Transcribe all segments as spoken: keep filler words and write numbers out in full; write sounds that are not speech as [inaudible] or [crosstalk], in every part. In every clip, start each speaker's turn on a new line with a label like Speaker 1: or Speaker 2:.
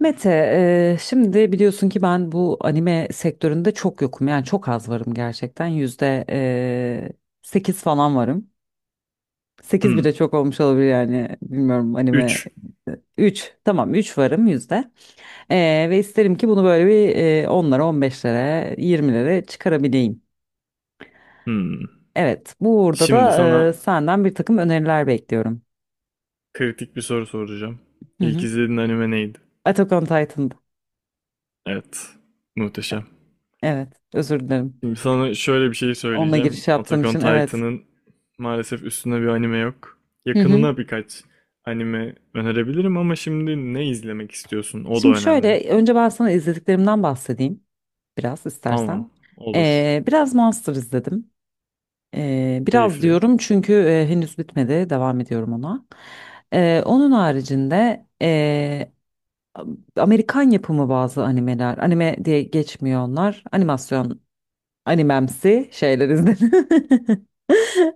Speaker 1: Mete, eee, şimdi biliyorsun ki ben bu anime sektöründe çok yokum. Yani çok az varım gerçekten. Yüzde eee sekiz falan varım. Sekiz bile
Speaker 2: Hmm.
Speaker 1: çok olmuş olabilir yani. Bilmiyorum anime
Speaker 2: üç.
Speaker 1: üç. Tamam, üç varım yüzde. Eee, ve isterim ki bunu böyle bir eee onlara, on beşlere yirmilere çıkarabileyim.
Speaker 2: Hmm.
Speaker 1: Evet, burada
Speaker 2: Şimdi
Speaker 1: da
Speaker 2: sana
Speaker 1: eee, senden bir takım öneriler bekliyorum.
Speaker 2: kritik bir soru soracağım.
Speaker 1: Hı
Speaker 2: İlk
Speaker 1: hı.
Speaker 2: izlediğin anime neydi?
Speaker 1: Attack on Titan'da.
Speaker 2: Evet. Muhteşem.
Speaker 1: Evet, özür dilerim.
Speaker 2: Şimdi sana şöyle bir şey
Speaker 1: Onunla
Speaker 2: söyleyeceğim.
Speaker 1: giriş yaptığım
Speaker 2: Attack on
Speaker 1: için evet.
Speaker 2: Titan'ın maalesef üstüne bir anime yok.
Speaker 1: Hı hı.
Speaker 2: Yakınına birkaç anime önerebilirim, ama şimdi ne izlemek istiyorsun? O da
Speaker 1: Şimdi
Speaker 2: önemli.
Speaker 1: şöyle önce ben sana izlediklerimden bahsedeyim biraz
Speaker 2: Tamam.
Speaker 1: istersen.
Speaker 2: Olur.
Speaker 1: Ee, biraz Monster izledim. Ee, biraz
Speaker 2: Keyifli.
Speaker 1: diyorum çünkü e, henüz bitmedi, devam ediyorum ona. Ee, onun haricinde e, Amerikan yapımı bazı animeler, anime diye geçmiyor onlar, animasyon animemsi şeyler izledim.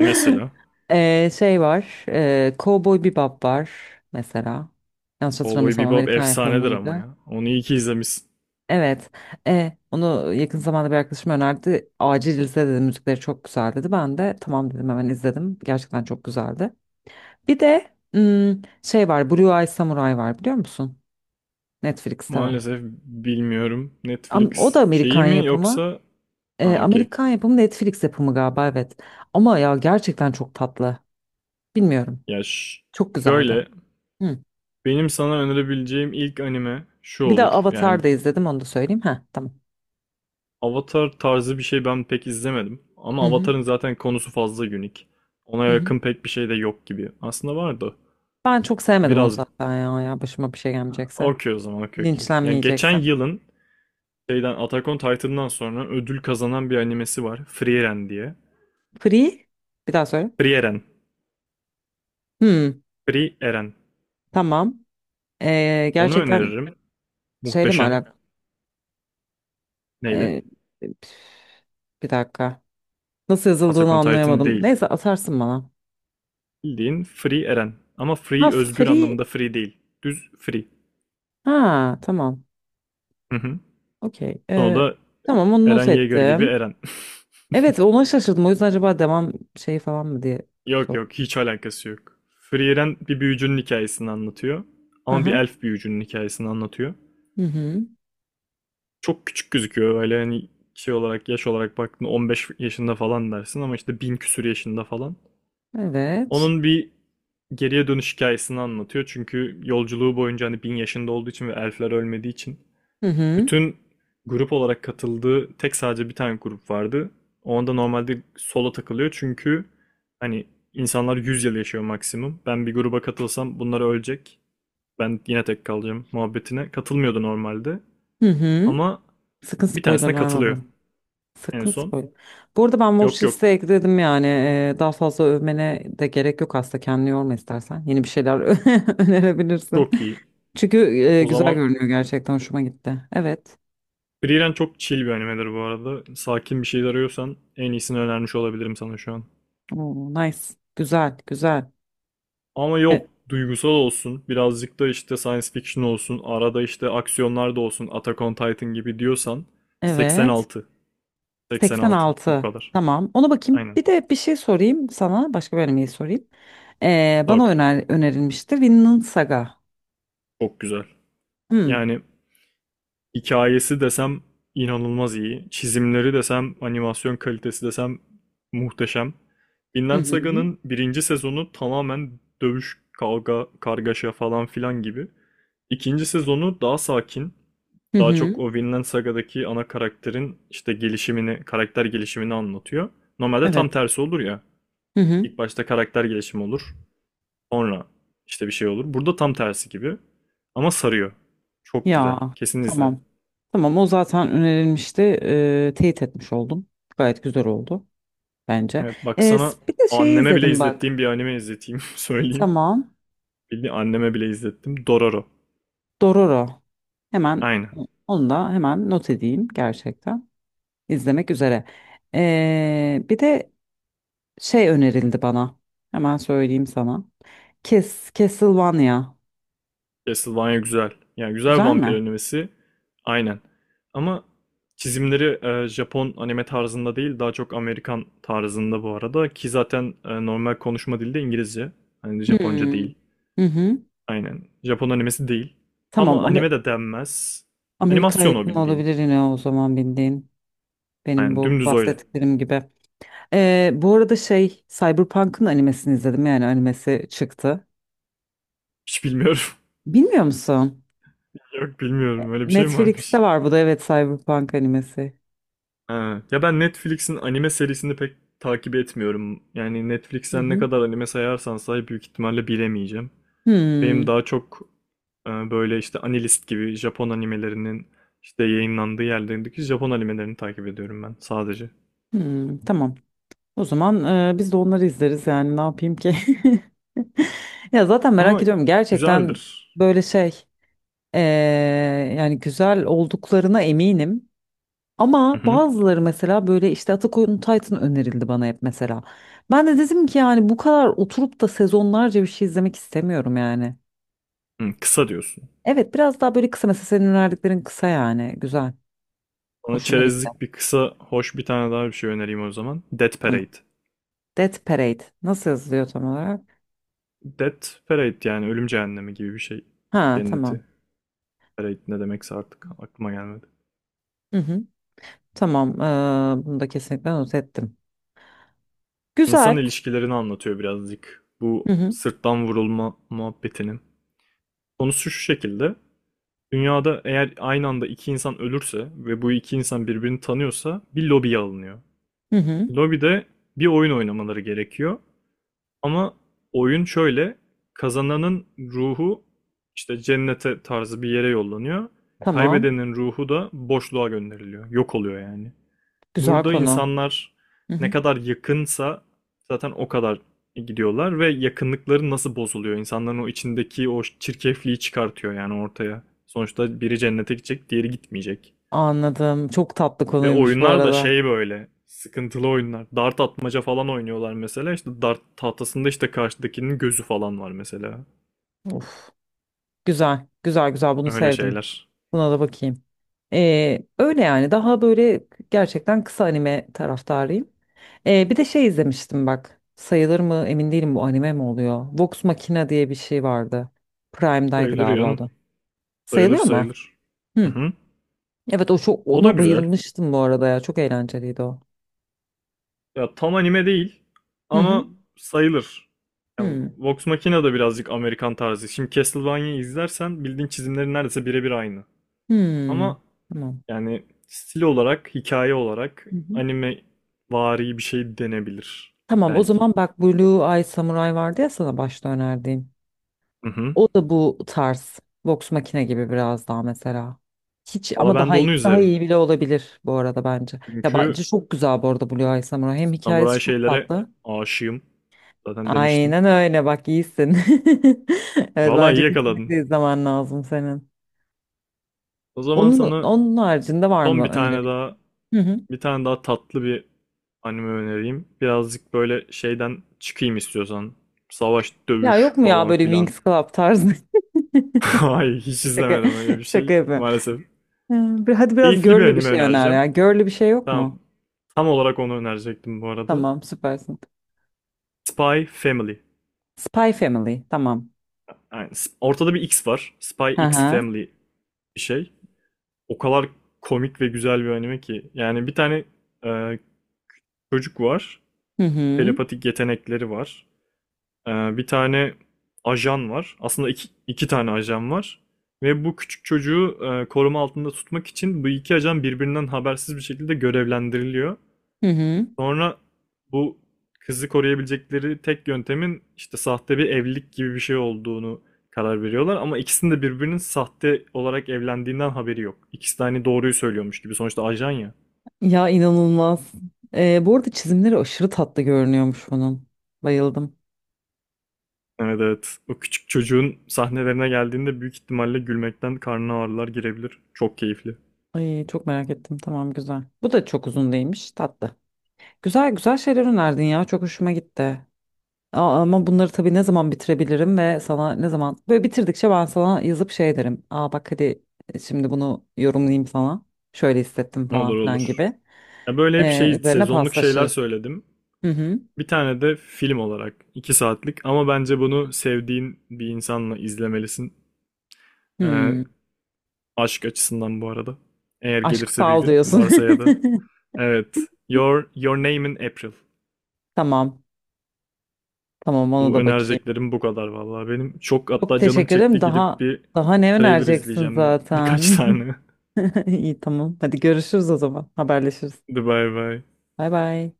Speaker 2: Mesela
Speaker 1: [laughs] Ee, şey var, e, Cowboy Bebop var mesela, yanlış
Speaker 2: Cowboy
Speaker 1: hatırlamıyorsam
Speaker 2: Bebop
Speaker 1: Amerikan
Speaker 2: efsanedir ama
Speaker 1: yapımıydı.
Speaker 2: ya. Onu iyi ki izlemişsin.
Speaker 1: Evet. E, onu yakın zamanda bir arkadaşım önerdi. Acil izle dedi. Müzikleri çok güzel dedi. Ben de tamam dedim, hemen izledim. Gerçekten çok güzeldi. Bir de hmm, şey var. Blue Eye Samurai var, biliyor musun? Netflix'te var.
Speaker 2: Maalesef bilmiyorum.
Speaker 1: Am- O da
Speaker 2: Netflix şeyi
Speaker 1: Amerikan
Speaker 2: mi
Speaker 1: yapımı.
Speaker 2: yoksa...
Speaker 1: E,
Speaker 2: Ha okey.
Speaker 1: Amerikan yapımı, Netflix yapımı galiba, evet. Ama ya gerçekten çok tatlı. Bilmiyorum.
Speaker 2: Ya ş-
Speaker 1: Çok güzeldi.
Speaker 2: şöyle
Speaker 1: Hı.
Speaker 2: benim sana önerebileceğim ilk anime şu
Speaker 1: Bir de
Speaker 2: olur. Yani
Speaker 1: Avatar da izledim, onu da söyleyeyim. Ha tamam.
Speaker 2: Avatar tarzı bir şey ben pek izlemedim. Ama
Speaker 1: Hı hı.
Speaker 2: Avatar'ın zaten konusu fazla unik. Ona
Speaker 1: Hı hı.
Speaker 2: yakın pek bir şey de yok gibi. Aslında vardı.
Speaker 1: Ben çok sevmedim onu
Speaker 2: Biraz
Speaker 1: zaten ya. Ya başıma bir şey gelmeyecekse.
Speaker 2: okey o zaman, okey okey. Yani geçen
Speaker 1: Linçlenmeyecekse.
Speaker 2: yılın şeyden Attack on Titan'dan sonra ödül kazanan bir animesi var. Frieren diye.
Speaker 1: Free. Bir daha söyle.
Speaker 2: Frieren.
Speaker 1: Hmm,
Speaker 2: Frieren.
Speaker 1: tamam. Ee,
Speaker 2: Onu
Speaker 1: gerçekten
Speaker 2: öneririm.
Speaker 1: şeyle mi
Speaker 2: Muhteşem.
Speaker 1: alakalı?
Speaker 2: Neyle?
Speaker 1: Ee, Bir dakika. Nasıl yazıldığını
Speaker 2: Attack on Titan
Speaker 1: anlayamadım.
Speaker 2: değil.
Speaker 1: Neyse, atarsın bana.
Speaker 2: Bildiğin Free Eren. Ama
Speaker 1: Ha
Speaker 2: free özgür
Speaker 1: free.
Speaker 2: anlamında free değil. Düz free.
Speaker 1: Ha tamam.
Speaker 2: Hı hı.
Speaker 1: Okey.
Speaker 2: Sonra
Speaker 1: Ee,
Speaker 2: da
Speaker 1: tamam, onu not
Speaker 2: Eren Yeager gibi
Speaker 1: ettim.
Speaker 2: Eren. [laughs]
Speaker 1: Evet, ona şaşırdım. O yüzden acaba devam şeyi falan mı diye
Speaker 2: Yok yok,
Speaker 1: sordum.
Speaker 2: hiç alakası yok. Free Eren bir büyücünün hikayesini anlatıyor. Ama bir
Speaker 1: Aha.
Speaker 2: elf büyücünün hikayesini anlatıyor.
Speaker 1: Hı hı.
Speaker 2: Çok küçük gözüküyor, öyle hani şey olarak, yaş olarak baktığında on beş yaşında falan dersin, ama işte bin küsür yaşında falan.
Speaker 1: Evet.
Speaker 2: Onun bir geriye dönüş hikayesini anlatıyor. Çünkü yolculuğu boyunca, hani bin yaşında olduğu için ve elfler ölmediği için,
Speaker 1: Hı hı.
Speaker 2: bütün grup olarak katıldığı tek, sadece bir tane grup vardı. Onda normalde solo takılıyor, çünkü hani insanlar yüz yıl yaşıyor maksimum. Ben bir gruba katılsam bunlar ölecek. Ben yine tek kalacağım muhabbetine. Katılmıyordu normalde.
Speaker 1: Hı hı.
Speaker 2: Ama
Speaker 1: Sakın
Speaker 2: bir
Speaker 1: spoiler
Speaker 2: tanesine
Speaker 1: verme bana.
Speaker 2: katılıyor en
Speaker 1: Sakın
Speaker 2: son.
Speaker 1: spoil. Bu arada ben watch
Speaker 2: Yok yok,
Speaker 1: listeye ekledim yani. Ee, daha fazla övmene de gerek yok aslında. Kendini yorma istersen. Yeni bir şeyler [laughs] önerebilirsin.
Speaker 2: çok iyi.
Speaker 1: Çünkü e,
Speaker 2: O
Speaker 1: güzel
Speaker 2: zaman
Speaker 1: görünüyor gerçekten. Hoşuma gitti. Evet.
Speaker 2: Frieren çok chill bir animedir bu arada. Sakin bir şey arıyorsan en iyisini önermiş olabilirim sana şu an.
Speaker 1: Oo, nice. Güzel, güzel.
Speaker 2: Ama
Speaker 1: E,
Speaker 2: yok, duygusal olsun birazcık, da işte science fiction olsun, arada işte aksiyonlar da olsun Attack on Titan gibi diyorsan,
Speaker 1: evet.
Speaker 2: seksen altı. seksen altı bu
Speaker 1: seksen altı.
Speaker 2: kadar.
Speaker 1: Tamam. Ona bakayım.
Speaker 2: Aynen.
Speaker 1: Bir de bir şey sorayım sana. Başka bir animeyi sorayım. Ee,
Speaker 2: Sor.
Speaker 1: bana öner önerilmişti. Vinland Saga.
Speaker 2: Çok güzel.
Speaker 1: Hmm.
Speaker 2: Yani hikayesi desem inanılmaz iyi. Çizimleri desem, animasyon kalitesi desem muhteşem.
Speaker 1: Hı
Speaker 2: Vinland
Speaker 1: hı.
Speaker 2: Saga'nın birinci sezonu tamamen dövüş, kavga, kargaşa falan filan gibi. İkinci sezonu daha sakin.
Speaker 1: Hı
Speaker 2: Daha çok
Speaker 1: hı.
Speaker 2: o Vinland Saga'daki ana karakterin işte gelişimini, karakter gelişimini anlatıyor. Normalde tam
Speaker 1: Evet.
Speaker 2: tersi olur ya.
Speaker 1: Hı hı.
Speaker 2: İlk başta karakter gelişimi olur. Sonra işte bir şey olur. Burada tam tersi gibi. Ama sarıyor. Çok güzel.
Speaker 1: Ya.
Speaker 2: Kesin izle.
Speaker 1: Tamam. Tamam, o zaten önerilmişti. Ee, teyit etmiş oldum. Gayet güzel oldu bence.
Speaker 2: Evet, bak
Speaker 1: Ee,
Speaker 2: sana
Speaker 1: Bir de şeyi
Speaker 2: anneme bile
Speaker 1: izledim
Speaker 2: izlettiğim
Speaker 1: bak.
Speaker 2: bir anime izleteyim, [laughs] söyleyeyim.
Speaker 1: Tamam.
Speaker 2: Bildiğin anneme bile izlettim. Dororo.
Speaker 1: Dororo. Hemen
Speaker 2: Aynen.
Speaker 1: onu da hemen not edeyim gerçekten. İzlemek üzere. Ee, bir de şey önerildi bana. Hemen söyleyeyim sana. Kes, Castlevania.
Speaker 2: Castlevania güzel. Yani güzel
Speaker 1: Güzel
Speaker 2: vampir
Speaker 1: mi?
Speaker 2: animesi. Aynen. Ama çizimleri e, Japon anime tarzında değil, daha çok Amerikan tarzında bu arada. Ki zaten e, normal konuşma dili de İngilizce. Hani Japonca
Speaker 1: Hmm.
Speaker 2: değil.
Speaker 1: Hı hı.
Speaker 2: Aynen. Japon animesi değil. Tam
Speaker 1: Tamam.
Speaker 2: anime
Speaker 1: Amer-
Speaker 2: de denmez.
Speaker 1: Amerika
Speaker 2: Animasyon o,
Speaker 1: yapımı
Speaker 2: bildiğin.
Speaker 1: olabilir yine o zaman, bildiğin. Benim
Speaker 2: Aynen,
Speaker 1: bu
Speaker 2: dümdüz öyle.
Speaker 1: bahsettiklerim gibi. Ee, bu arada şey, Cyberpunk'ın animesini izledim, yani animesi çıktı.
Speaker 2: Hiç bilmiyorum.
Speaker 1: Bilmiyor musun?
Speaker 2: [laughs] Yok bilmiyorum. Öyle bir şey mi varmış?
Speaker 1: Netflix'te var bu da, evet, Cyberpunk animesi.
Speaker 2: Ha. Ya ben Netflix'in anime serisini pek takip etmiyorum. Yani
Speaker 1: Hı
Speaker 2: Netflix'ten ne
Speaker 1: hı.
Speaker 2: kadar anime sayarsan say, büyük ihtimalle bilemeyeceğim. Benim daha
Speaker 1: Hmm,
Speaker 2: çok e, böyle işte Anilist gibi Japon animelerinin işte yayınlandığı yerlerindeki Japon animelerini takip ediyorum ben sadece.
Speaker 1: hmm, tamam. O zaman e, biz de onları izleriz yani, ne yapayım ki? [laughs] Ya zaten merak
Speaker 2: Ama
Speaker 1: ediyorum gerçekten
Speaker 2: güzeldir.
Speaker 1: böyle şey, e, yani güzel olduklarına eminim.
Speaker 2: Hı
Speaker 1: Ama
Speaker 2: hı.
Speaker 1: bazıları mesela böyle işte Attack on Titan önerildi bana hep mesela. Ben de dedim ki yani bu kadar oturup da sezonlarca bir şey izlemek istemiyorum yani.
Speaker 2: Hı, kısa diyorsun.
Speaker 1: Evet, biraz daha böyle kısa, mesela senin önerdiklerin kısa, yani güzel.
Speaker 2: Bana
Speaker 1: Hoşuma gitti.
Speaker 2: çerezlik bir kısa, hoş bir tane daha bir şey önereyim o zaman. Death
Speaker 1: Tamam.
Speaker 2: Parade.
Speaker 1: Death Parade nasıl yazılıyor tam olarak?
Speaker 2: Death Parade, yani ölüm cehennemi gibi bir şey.
Speaker 1: Ha
Speaker 2: Cenneti.
Speaker 1: tamam.
Speaker 2: Parade ne demekse artık aklıma gelmedi.
Speaker 1: Hı hı. Tamam, ee, bunu da kesinlikle not ettim.
Speaker 2: İnsan
Speaker 1: Güzel.
Speaker 2: ilişkilerini anlatıyor birazcık. Bu
Speaker 1: Hı hı.
Speaker 2: sırttan vurulma muhabbetinin. Konusu şu şekilde. Dünyada eğer aynı anda iki insan ölürse ve bu iki insan birbirini tanıyorsa, bir lobiye alınıyor.
Speaker 1: Hı hı.
Speaker 2: Lobide bir oyun oynamaları gerekiyor. Ama oyun şöyle. Kazananın ruhu işte cennete tarzı bir yere yollanıyor.
Speaker 1: Tamam.
Speaker 2: Kaybedenin ruhu da boşluğa gönderiliyor. Yok oluyor yani.
Speaker 1: Güzel
Speaker 2: Burada
Speaker 1: konu.
Speaker 2: insanlar
Speaker 1: Hı
Speaker 2: ne
Speaker 1: hı.
Speaker 2: kadar yakınsa zaten o kadar gidiyorlar ve yakınlıkları nasıl bozuluyor? İnsanların o içindeki o çirkefliği çıkartıyor yani ortaya. Sonuçta biri cennete gidecek, diğeri gitmeyecek.
Speaker 1: Anladım. Çok tatlı
Speaker 2: Ve
Speaker 1: konuymuş bu
Speaker 2: oyunlar da
Speaker 1: arada.
Speaker 2: şey, böyle sıkıntılı oyunlar. Dart atmaca falan oynuyorlar mesela. İşte dart tahtasında işte karşıdakinin gözü falan var mesela.
Speaker 1: Of. Güzel. Güzel güzel, bunu
Speaker 2: Öyle
Speaker 1: sevdim.
Speaker 2: şeyler.
Speaker 1: Buna da bakayım. Ee, öyle yani, daha böyle gerçekten kısa anime taraftarıyım. Ee, bir de şey izlemiştim bak. Sayılır mı emin değilim, bu anime mi oluyor? Vox Machina diye bir şey vardı. Prime'daydı
Speaker 2: Sayılır
Speaker 1: galiba o
Speaker 2: yanım,
Speaker 1: da.
Speaker 2: sayılır
Speaker 1: Sayılıyor mu?
Speaker 2: sayılır. Hı
Speaker 1: Hı.
Speaker 2: hı.
Speaker 1: Evet, o çok,
Speaker 2: O da
Speaker 1: ona
Speaker 2: güzel.
Speaker 1: bayılmıştım bu arada ya. Çok eğlenceliydi o.
Speaker 2: Ya tam anime değil
Speaker 1: Hı hı.
Speaker 2: ama sayılır. Ya,
Speaker 1: Hı.
Speaker 2: Vox Machina da birazcık Amerikan tarzı. Şimdi Castlevania'yı izlersen bildiğin çizimleri neredeyse birebir aynı.
Speaker 1: Hı.
Speaker 2: Ama
Speaker 1: Tamam.
Speaker 2: yani stil olarak, hikaye olarak
Speaker 1: Hı hı.
Speaker 2: anime vari bir şey denebilir
Speaker 1: Tamam, o
Speaker 2: belki.
Speaker 1: zaman bak, Blue Eye Samurai vardı ya sana başta önerdiğim.
Speaker 2: Hı hı.
Speaker 1: O da bu tarz. Vox Machina gibi biraz daha mesela. Hiç,
Speaker 2: Valla
Speaker 1: ama
Speaker 2: ben de
Speaker 1: daha iyi.
Speaker 2: onu
Speaker 1: Daha
Speaker 2: üzerim.
Speaker 1: iyi bile olabilir bu arada bence. Ya
Speaker 2: Çünkü
Speaker 1: bence çok güzel bu arada Blue Eye Samurai. Hem
Speaker 2: samuray
Speaker 1: hikayesi çok
Speaker 2: şeylere
Speaker 1: tatlı.
Speaker 2: aşığım. Zaten demiştim.
Speaker 1: Aynen öyle, bak iyisin. [laughs] Evet,
Speaker 2: Valla iyi
Speaker 1: bence
Speaker 2: yakaladın.
Speaker 1: kesinlikle izlemen lazım senin.
Speaker 2: O zaman
Speaker 1: Onun,
Speaker 2: sana
Speaker 1: onun haricinde var
Speaker 2: son
Speaker 1: mı
Speaker 2: bir tane daha,
Speaker 1: önerebileceğin? Hı hı.
Speaker 2: bir tane daha tatlı bir anime önereyim. Birazcık böyle şeyden çıkayım istiyorsan. Savaş,
Speaker 1: Ya
Speaker 2: dövüş
Speaker 1: yok mu ya
Speaker 2: falan
Speaker 1: böyle
Speaker 2: filan.
Speaker 1: wings Club tarzı? [laughs]
Speaker 2: [laughs] Ay, hiç
Speaker 1: Şaka,
Speaker 2: izlemedim öyle bir
Speaker 1: şaka
Speaker 2: şey
Speaker 1: yapıyorum.
Speaker 2: maalesef.
Speaker 1: Ee, bir- Hadi biraz
Speaker 2: Keyifli bir
Speaker 1: girly bir
Speaker 2: anime
Speaker 1: şey öner
Speaker 2: önereceğim.
Speaker 1: ya. Girly bir şey yok
Speaker 2: Tam,
Speaker 1: mu?
Speaker 2: tam olarak onu önerecektim bu arada.
Speaker 1: Tamam, süpersin.
Speaker 2: Spy Family.
Speaker 1: Spy Family, tamam.
Speaker 2: Yani sp- ortada bir X var. Spy
Speaker 1: Hı
Speaker 2: X
Speaker 1: hı.
Speaker 2: Family bir şey. O kadar komik ve güzel bir anime ki. Yani bir tane e, çocuk var.
Speaker 1: Hı hı.
Speaker 2: Telepatik yetenekleri var. Ee, bir tane ajan var. Aslında iki, iki tane ajan var. Ve bu küçük çocuğu e, koruma altında tutmak için bu iki ajan birbirinden habersiz bir şekilde görevlendiriliyor.
Speaker 1: Hı hı.
Speaker 2: Sonra bu kızı koruyabilecekleri tek yöntemin işte sahte bir evlilik gibi bir şey olduğunu karar veriyorlar. Ama ikisinin de birbirinin sahte olarak evlendiğinden haberi yok. İkisi de hani doğruyu söylüyormuş gibi. Sonuçta ajan ya.
Speaker 1: Ya inanılmaz. Ee, bu arada çizimleri aşırı tatlı görünüyormuş onun. Bayıldım.
Speaker 2: Evet evet. O küçük çocuğun sahnelerine geldiğinde büyük ihtimalle gülmekten karnına ağrılar girebilir. Çok keyifli.
Speaker 1: Ay, çok merak ettim. Tamam, güzel. Bu da çok uzun değilmiş. Tatlı. Güzel güzel şeyler önerdin ya. Çok hoşuma gitti. Aa, ama bunları tabii ne zaman bitirebilirim ve sana ne zaman böyle bitirdikçe ben sana yazıp şey derim. Aa bak, hadi e, şimdi bunu yorumlayayım sana. Şöyle hissettim falan
Speaker 2: Olur
Speaker 1: filan
Speaker 2: olur.
Speaker 1: gibi.
Speaker 2: Ya böyle hep şey,
Speaker 1: Ee, üzerine
Speaker 2: sezonluk şeyler
Speaker 1: paslaşırız.
Speaker 2: söyledim.
Speaker 1: Hı hı.
Speaker 2: Bir tane de film olarak, iki saatlik, ama bence bunu sevdiğin bir insanla izlemelisin. Ee,
Speaker 1: Hmm.
Speaker 2: aşk açısından bu arada. Eğer
Speaker 1: Aşk
Speaker 2: gelirse bir
Speaker 1: sal
Speaker 2: gün,
Speaker 1: diyorsun.
Speaker 2: varsa ya da. Evet. Your Your Name in April.
Speaker 1: [laughs] Tamam. Tamam, ona
Speaker 2: Bu
Speaker 1: da bakayım.
Speaker 2: önereceklerim bu kadar vallahi benim. Çok,
Speaker 1: Çok
Speaker 2: hatta canım
Speaker 1: teşekkür ederim.
Speaker 2: çekti gidip
Speaker 1: Daha
Speaker 2: bir
Speaker 1: daha ne
Speaker 2: trailer
Speaker 1: önereceksin
Speaker 2: izleyeceğim ben. Birkaç
Speaker 1: zaten?
Speaker 2: tane.
Speaker 1: [laughs] İyi, tamam. Hadi görüşürüz o zaman. Haberleşiriz.
Speaker 2: [laughs] Hadi bay bay.
Speaker 1: Bay bay.